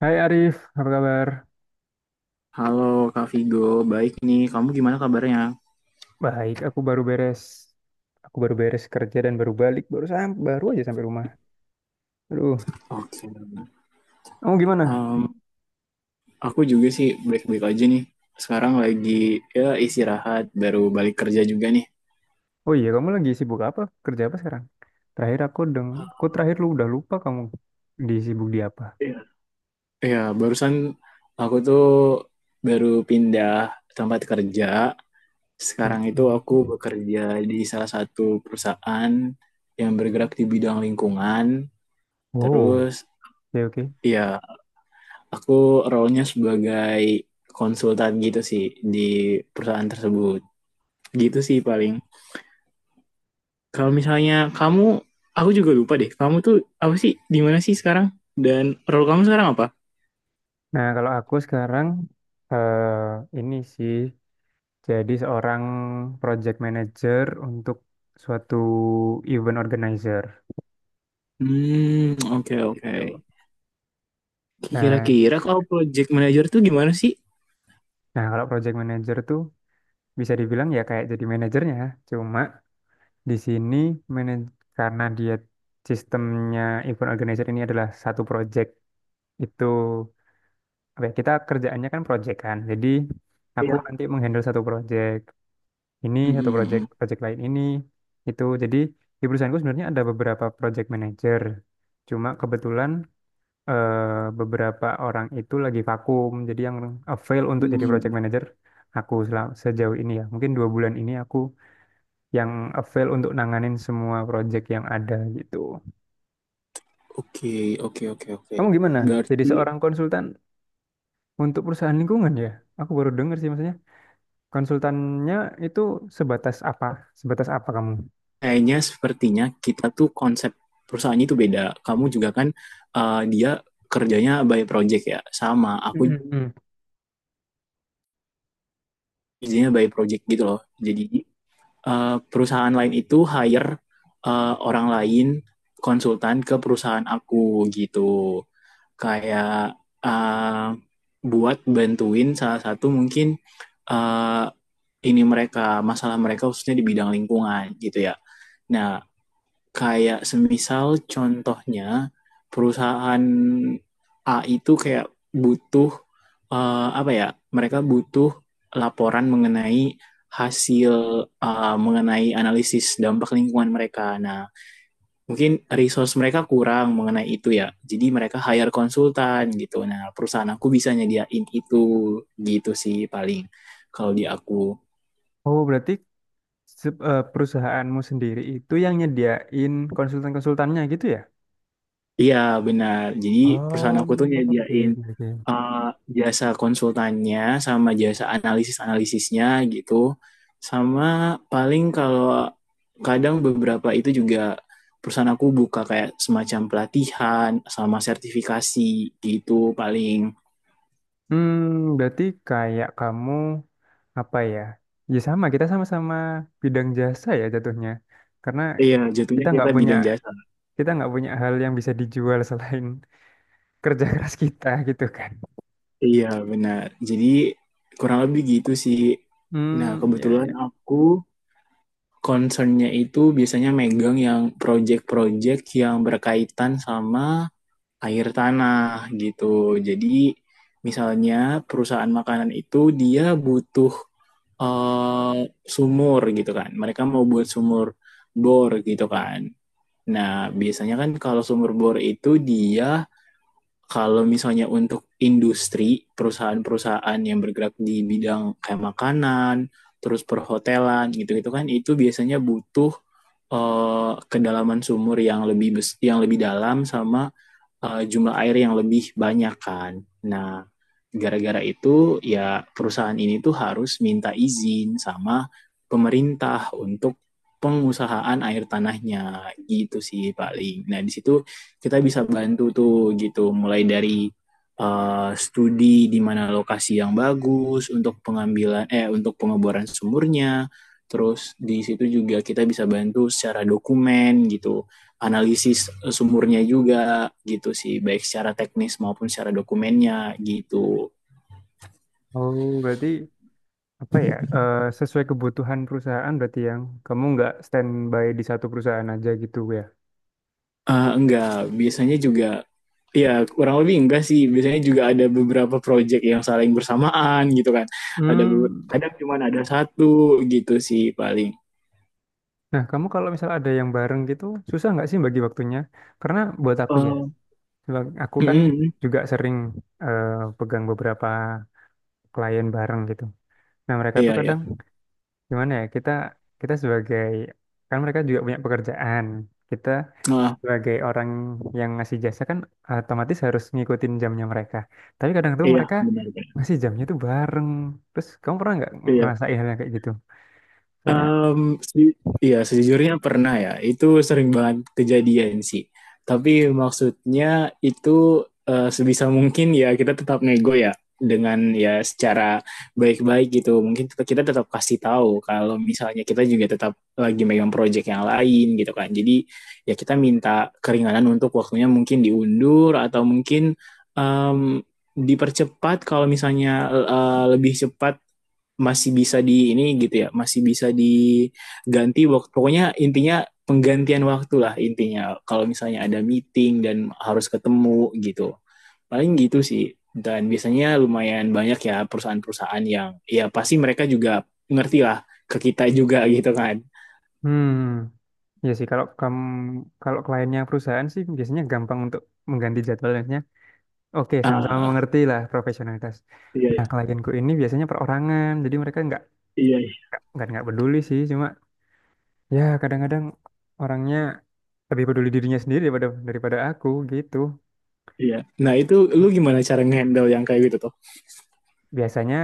Hai Arif, apa kabar? Halo Kak Vigo, baik nih. Kamu gimana kabarnya? Baik, aku baru beres. Aku baru beres kerja dan baru balik, baru aja sampai rumah. Aduh, Oke. kamu gimana? Em, aku juga sih baik-baik aja nih. Sekarang lagi ya istirahat, baru balik kerja juga nih. Oh iya, kamu lagi sibuk apa? Kerja apa sekarang? Aku terakhir udah lupa kamu di sibuk di apa? Iya. Ya, barusan aku tuh baru pindah tempat kerja. Sekarang itu aku Mm-mm. bekerja di salah satu perusahaan yang bergerak di bidang lingkungan. Oh, Terus, oke oke. ya, aku role-nya sebagai konsultan gitu sih di perusahaan tersebut. Gitu sih paling. Kalau misalnya kamu, aku juga lupa deh, kamu tuh apa sih, di mana sih sekarang, dan role kamu sekarang apa? Nah, kalau aku sekarang eh ini sih jadi seorang project manager untuk suatu event organizer Hmm, oke oke. gitu. Nah, Kira-kira kalau project manager tuh gimana sih? nah, kalau project manager tuh bisa dibilang ya kayak jadi manajernya. Cuma di sini manaj- karena dia sistemnya event organizer ini adalah satu project itu apa ya, kita kerjaannya kan project kan. Jadi aku Iya. nanti menghandle satu project ini, Hmm satu mm, project mm. project lain ini itu. Jadi di perusahaanku sebenarnya ada beberapa project manager. Cuma kebetulan beberapa orang itu lagi vakum. Jadi yang avail untuk jadi project Hmm, manager aku sejauh ini ya. Mungkin dua bulan ini aku yang avail untuk nanganin semua project yang ada gitu. oke oke oke oke, Kamu gimana? Jadi berarti seorang konsultan untuk perusahaan lingkungan ya? Aku baru dengar sih maksudnya. Konsultannya itu sebatas apa? Sebatas apa kamu? kayaknya sepertinya kita tuh konsep perusahaannya itu beda. Kamu juga kan, eh, dia kerjanya by project ya, sama aku Mm-mm. kerjanya by project gitu loh. Jadi, eh, perusahaan lain itu hire, eh, orang lain konsultan ke perusahaan aku gitu. Kayak, eh, buat bantuin salah satu mungkin, eh, ini mereka masalah mereka khususnya di bidang lingkungan gitu ya. Nah, kayak semisal contohnya perusahaan A itu kayak butuh, eh, apa ya? Mereka butuh laporan mengenai hasil, eh, mengenai analisis dampak lingkungan mereka. Nah, mungkin resource mereka kurang mengenai itu ya. Jadi mereka hire konsultan gitu. Nah, perusahaan aku bisa nyediain itu gitu sih paling kalau di aku. Oh, berarti perusahaanmu sendiri itu yang nyediain konsultan-konsultannya gitu ya? Iya, benar. Jadi perusahaan Oh, aku tuh nyediain, gitu. Gitu. eh, jasa konsultannya sama jasa analisis-analisisnya gitu. Sama paling kalau kadang beberapa itu juga perusahaan aku buka kayak semacam pelatihan sama sertifikasi gitu paling. Hmm, berarti kayak kamu apa ya? Ya sama, kita sama-sama bidang jasa ya jatuhnya. Karena Iya, jatuhnya kita nggak kita punya bidang jasa. kita nggak punya hal yang bisa dijual selain kerja keras kita gitu kan. Iya, benar. Jadi kurang lebih gitu sih. Nah, Hmm, ya kebetulan ya. aku concernnya itu biasanya megang yang project-project yang berkaitan sama air tanah gitu. Jadi misalnya perusahaan makanan itu dia butuh, eh, sumur gitu kan. Mereka mau buat sumur bor gitu kan. Nah, biasanya kan kalau sumur bor itu dia kalau misalnya untuk industri, perusahaan-perusahaan yang bergerak di bidang kayak makanan, terus perhotelan gitu-gitu kan itu biasanya butuh, eh, kedalaman sumur yang lebih dalam sama jumlah air yang lebih banyak kan. Nah, gara-gara itu ya perusahaan ini tuh harus minta izin sama pemerintah untuk pengusahaan air tanahnya gitu sih paling. Nah, di situ kita bisa bantu tuh gitu mulai dari studi di mana lokasi yang bagus untuk pengambilan eh untuk pengeboran sumurnya. Terus di situ juga kita bisa bantu secara dokumen gitu analisis, eh, sumurnya juga gitu sih baik secara teknis maupun secara dokumennya gitu. Oh, berarti apa ya? Sesuai kebutuhan perusahaan berarti yang kamu nggak standby di satu perusahaan aja gitu ya. Eh, enggak, biasanya juga ya kurang lebih enggak sih, biasanya juga ada beberapa project yang saling bersamaan gitu kan, Hmm. kadang cuma ada satu gitu sih paling. Nah, kamu kalau misal ada yang bareng gitu, susah nggak sih bagi waktunya? Karena buat aku ya, Eh, sebab aku mm, kan mm, juga sering eh, pegang beberapa klien bareng gitu. Nah, mereka tuh iya iya. kadang gimana ya? Kita kita sebagai kan mereka juga punya pekerjaan. Kita Ah, sebagai orang yang ngasih jasa kan otomatis harus ngikutin jamnya mereka. Tapi kadang tuh iya mereka benar benar, ngasih jamnya tuh bareng. Terus kamu pernah nggak iya. ngerasain hal yang kayak gitu? Soalnya, Mmm, seju Iya, sejujurnya pernah ya, itu sering banget kejadian sih. Tapi maksudnya itu, sebisa mungkin ya kita tetap nego ya, dengan ya secara baik-baik gitu. Mungkin kita kita tetap kasih tahu kalau misalnya kita juga tetap lagi megang project yang lain gitu kan. Jadi, ya kita minta keringanan untuk waktunya mungkin diundur atau mungkin, mmm, dipercepat kalau misalnya, lebih cepat masih bisa di ini gitu ya, masih bisa diganti waktu. Pokoknya intinya penggantian waktu lah intinya. Kalau misalnya ada meeting dan harus ketemu gitu. Paling gitu sih. Dan biasanya lumayan banyak ya perusahaan-perusahaan yang ya pasti mereka juga ngerti lah ke kita juga gitu kan. hmm, ya sih kalau kamu kalau kliennya perusahaan sih biasanya gampang untuk mengganti jadwalnya. Oke, sama-sama Uh, mengerti lah profesionalitas. iya, iya, Nah, klienku ini biasanya perorangan, jadi mereka nggak iya, nggak nggak nggak peduli sih, cuma ya kadang-kadang orangnya lebih peduli dirinya sendiri daripada daripada aku gitu iya. Nah itu lu gimana cara ngehandle yang kayak gitu tuh? biasanya.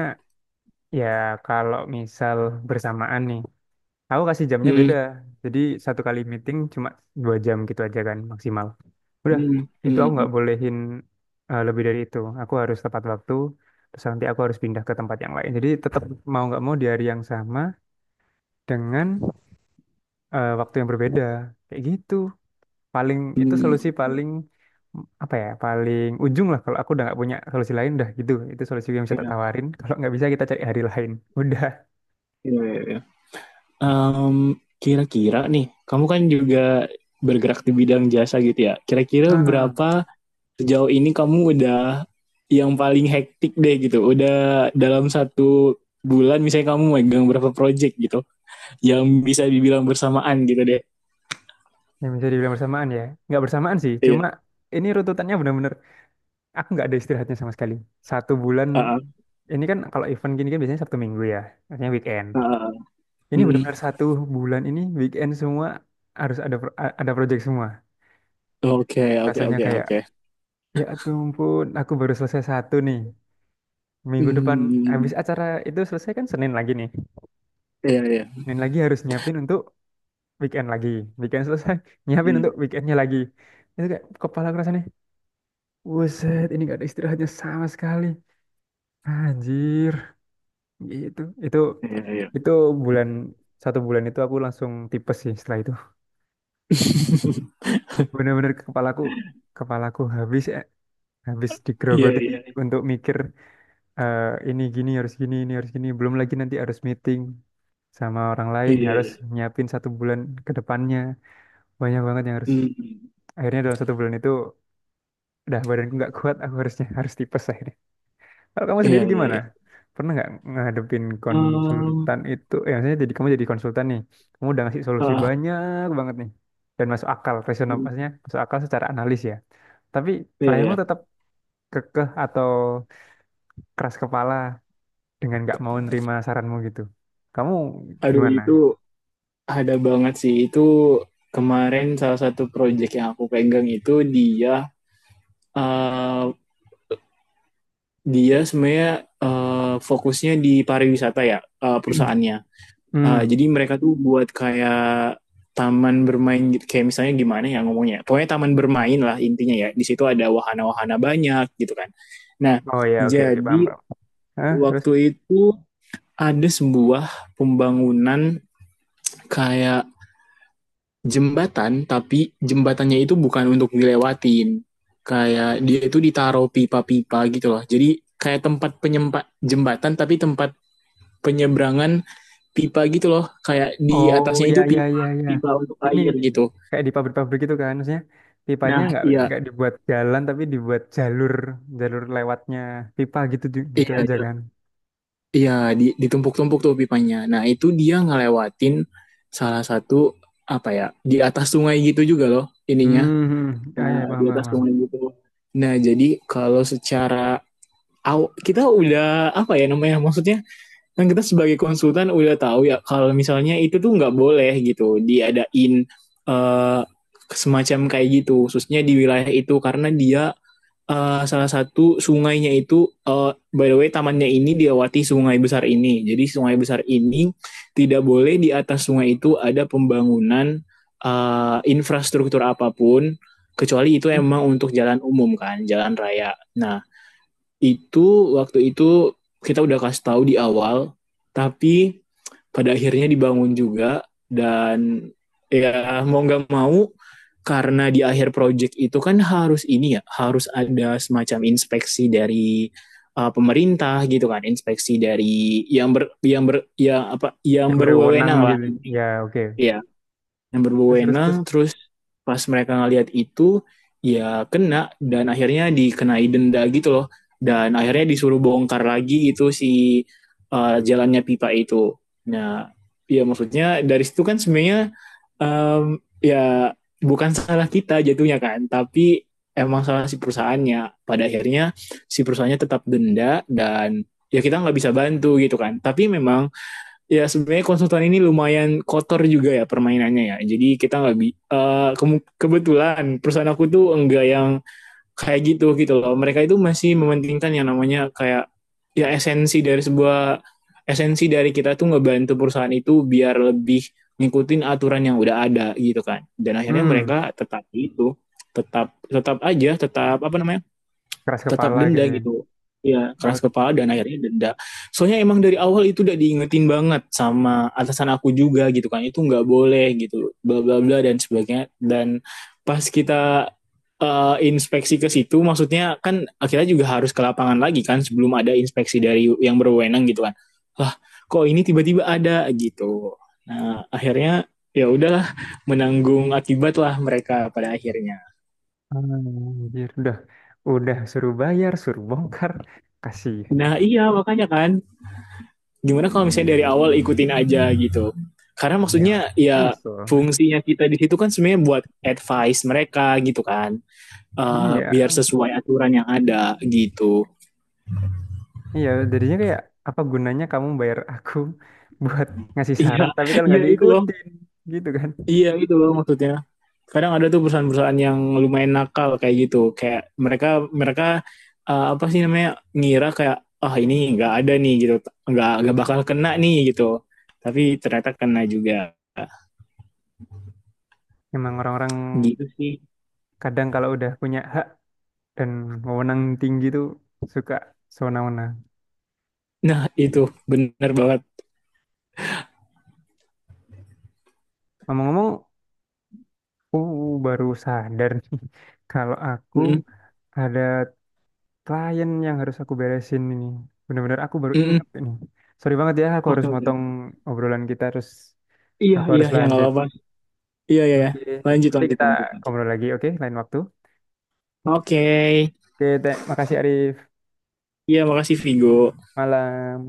Ya, kalau misal bersamaan nih, aku kasih jamnya Hmm, beda. Jadi satu kali meeting cuma dua jam gitu aja kan maksimal. Udah, hmm, itu hmm, aku nggak bolehin lebih dari itu. Aku harus tepat waktu, terus nanti aku harus pindah ke tempat yang lain. Jadi tetap mau nggak mau di hari yang sama dengan waktu yang berbeda. Kayak gitu. Paling itu solusi hmm. paling apa ya? Paling ujung lah kalau aku udah nggak punya solusi lain udah gitu. Itu solusi yang bisa tak Iya, tawarin. Kalau nggak bisa kita cari hari lain. iya, iya, iya. Em, Kira-kira nih, kamu kan juga bergerak di bidang jasa gitu ya. Kira-kira Udah. berapa sejauh ini kamu udah yang paling hektik deh gitu. Udah dalam satu bulan misalnya kamu megang berapa project gitu yang bisa dibilang bersamaan gitu deh. Yang bisa dibilang bersamaan ya. Nggak bersamaan sih, Iya. cuma ini runtutannya benar-benar aku nggak ada istirahatnya sama sekali. Satu bulan Ah, ini kan kalau event gini kan biasanya Sabtu Minggu ya, artinya weekend. ah, ah. Ini Hmm. benar-benar satu bulan ini weekend semua harus ada ada project semua. Oke, oke, Rasanya oke, kayak oke. ya ampun, aku baru selesai satu nih. Minggu depan Hmm. habis acara itu selesai kan Senin lagi nih. Iya, iya. Senin lagi harus nyiapin untuk weekend lagi. Weekend selesai, nyiapin Iya, untuk weekendnya lagi. Itu kayak kepala aku rasanya, wuset ini gak ada istirahatnya sama sekali. Anjir, itu itu iya, iya. itu bulan satu bulan itu aku langsung tipes sih setelah itu. Bener-bener kepalaku kepalaku habis habis Iya, digerogoti iya, untuk mikir eh, ini gini harus gini ini harus gini. Belum lagi nanti harus meeting sama orang lain iya, harus iya. nyiapin satu bulan ke depannya. Banyak banget yang harus. Hmm. Akhirnya dalam satu bulan itu udah badanku nggak kuat aku harusnya harus tipes akhirnya. Kalau kamu Iya, sendiri iya, gimana? iya. Pernah nggak ngadepin Em, konsultan itu? Ya, maksudnya jadi kamu jadi konsultan nih. Kamu udah ngasih solusi ah, banyak banget nih. Dan masuk akal, rasional, maksudnya masuk akal secara analis ya. Tapi iya klienmu ya. tetap kekeh atau keras kepala dengan nggak mau nerima saranmu gitu. Kamu Aduh, gimana? itu ada banget sih. Itu kemarin salah satu project yang aku pegang itu eh, dia sebenarnya, eh, fokusnya di pariwisata ya, eh, perusahaannya. Eh, Hmm. jadi mereka tuh buat kayak taman bermain gitu. Kayak misalnya gimana ya ngomongnya. Pokoknya taman bermain lah intinya ya. Di situ ada wahana-wahana banyak gitu kan. Nah, Oh ya, oke oke jadi paham, paham. Hah, terus? waktu itu ada sebuah pembangunan kayak jembatan, tapi jembatannya itu bukan untuk dilewatin, kayak dia itu ditaruh pipa-pipa gitu loh. Jadi kayak tempat penyempat jembatan, tapi tempat penyeberangan pipa gitu loh, kayak di Oh atasnya ya itu ya pipa ya ya. pipa untuk Ini air ini gitu. kayak di pabrik-pabrik itu kan, maksudnya pipanya Nah nggak iya, nggak dibuat jalan tapi dibuat jalur jalur lewatnya pipa gitu iya aja iya, kan. iya. Di, ditumpuk-tumpuk tuh pipanya, nah itu dia ngelewatin salah satu apa ya, di atas sungai gitu juga loh, ininya. Hmm, hmm. Ah Nah, ya di paham paham. atas Paham. sungai gitu. Nah jadi kalau secara kita udah apa ya namanya, maksudnya kan kita sebagai konsultan udah tahu ya kalau misalnya itu tuh nggak boleh gitu diadain, eh, semacam kayak gitu khususnya di wilayah itu karena dia, eh, salah satu sungainya itu, eh, by the way tamannya ini diawati sungai besar ini, jadi sungai besar ini tidak boleh di atas sungai itu ada pembangunan, eh, infrastruktur apapun kecuali itu Hmm, emang untuk jalan umum kan, jalan raya. Nah itu waktu itu kita udah kasih tahu di awal, tapi pada akhirnya dibangun juga. Dan ya mau nggak mau, karena di akhir project itu kan harus ini ya, harus ada semacam inspeksi dari, pemerintah gitu kan, inspeksi dari yang ber ya apa, yang yang berwenang berwenang lah gitu. intinya, Ya oke. ya yang Terus terus berwenang. terus. Terus pas mereka ngelihat itu, ya kena dan akhirnya dikenai denda gitu loh. Dan akhirnya disuruh bongkar lagi gitu si, jalannya pipa itu. Nah, ya maksudnya dari situ kan sebenarnya, um, ya bukan salah kita jatuhnya kan, tapi emang salah si perusahaannya. Pada akhirnya si perusahaannya tetap denda. Dan ya kita nggak bisa bantu gitu kan, tapi memang ya sebenarnya konsultan ini lumayan kotor juga ya permainannya ya. Jadi kita nggak bi, kebetulan perusahaan aku tuh enggak yang kayak gitu gitu loh. Mereka itu masih mementingkan yang namanya kayak ya esensi dari sebuah esensi dari kita tuh ngebantu perusahaan itu biar lebih ngikutin aturan yang udah ada gitu kan. Dan akhirnya Hmm, mereka tetap itu tetap tetap aja, tetap apa namanya, keras tetap kepala denda gitu ya. gitu. Ya, Oh keras tapi kepala dan akhirnya denda. Soalnya emang dari awal itu udah diingetin banget sama atasan aku juga gitu kan. Itu nggak boleh gitu, bla bla bla dan sebagainya. Dan pas kita, eh, inspeksi ke situ, maksudnya kan akhirnya juga harus ke lapangan lagi kan sebelum ada inspeksi dari yang berwenang gitu kan. Lah, kok ini tiba-tiba ada gitu. Nah, akhirnya ya udahlah, menanggung akibat lah mereka pada akhirnya. hmm, anjir. Udah suruh bayar suruh bongkar kasih. Nah, iya makanya kan, gimana kalau misalnya dari awal ikutin aja gitu, karena Ya mas, maksudnya pasti ya nyesel. fungsinya kita di situ kan sebenarnya buat advice mereka gitu kan. Hmm, Eh, biar ya. sesuai aturan yang ada gitu. Iya, jadinya kayak apa gunanya kamu bayar aku buat ngasih Iya, saran, tapi kalau iya nggak itu loh. diikutin, gitu kan? Iya itu loh, maksudnya kadang ada tuh perusahaan-perusahaan yang lumayan nakal kayak gitu, kayak mereka mereka, eh, apa sih namanya, ngira kayak, ah oh, ini nggak ada nih gitu, nggak bakal kena nih gitu, tapi ternyata kena juga Emang orang-orang gitu sih. kadang kalau udah punya hak dan wewenang tinggi tuh suka sewenang-wenang. Nah itu, benar banget. Ngomong-ngomong, aku baru sadar nih kalau aku Mm-mm, ada klien yang harus aku beresin ini. Bener-bener aku baru mm-mm. ingat ini. Sorry banget ya, aku harus Oke, oke, motong oke. obrolan kita, terus Iya, aku iya, harus ya nggak lanjut. apa-apa. Iya, iya, iya. Oke, Lanjut, nanti lanjut, kita lanjut, lanjut. ngobrol lagi, oke? Lain waktu. Oke. Oke, makasih Arif. Iya, makasih Vigo. Malam.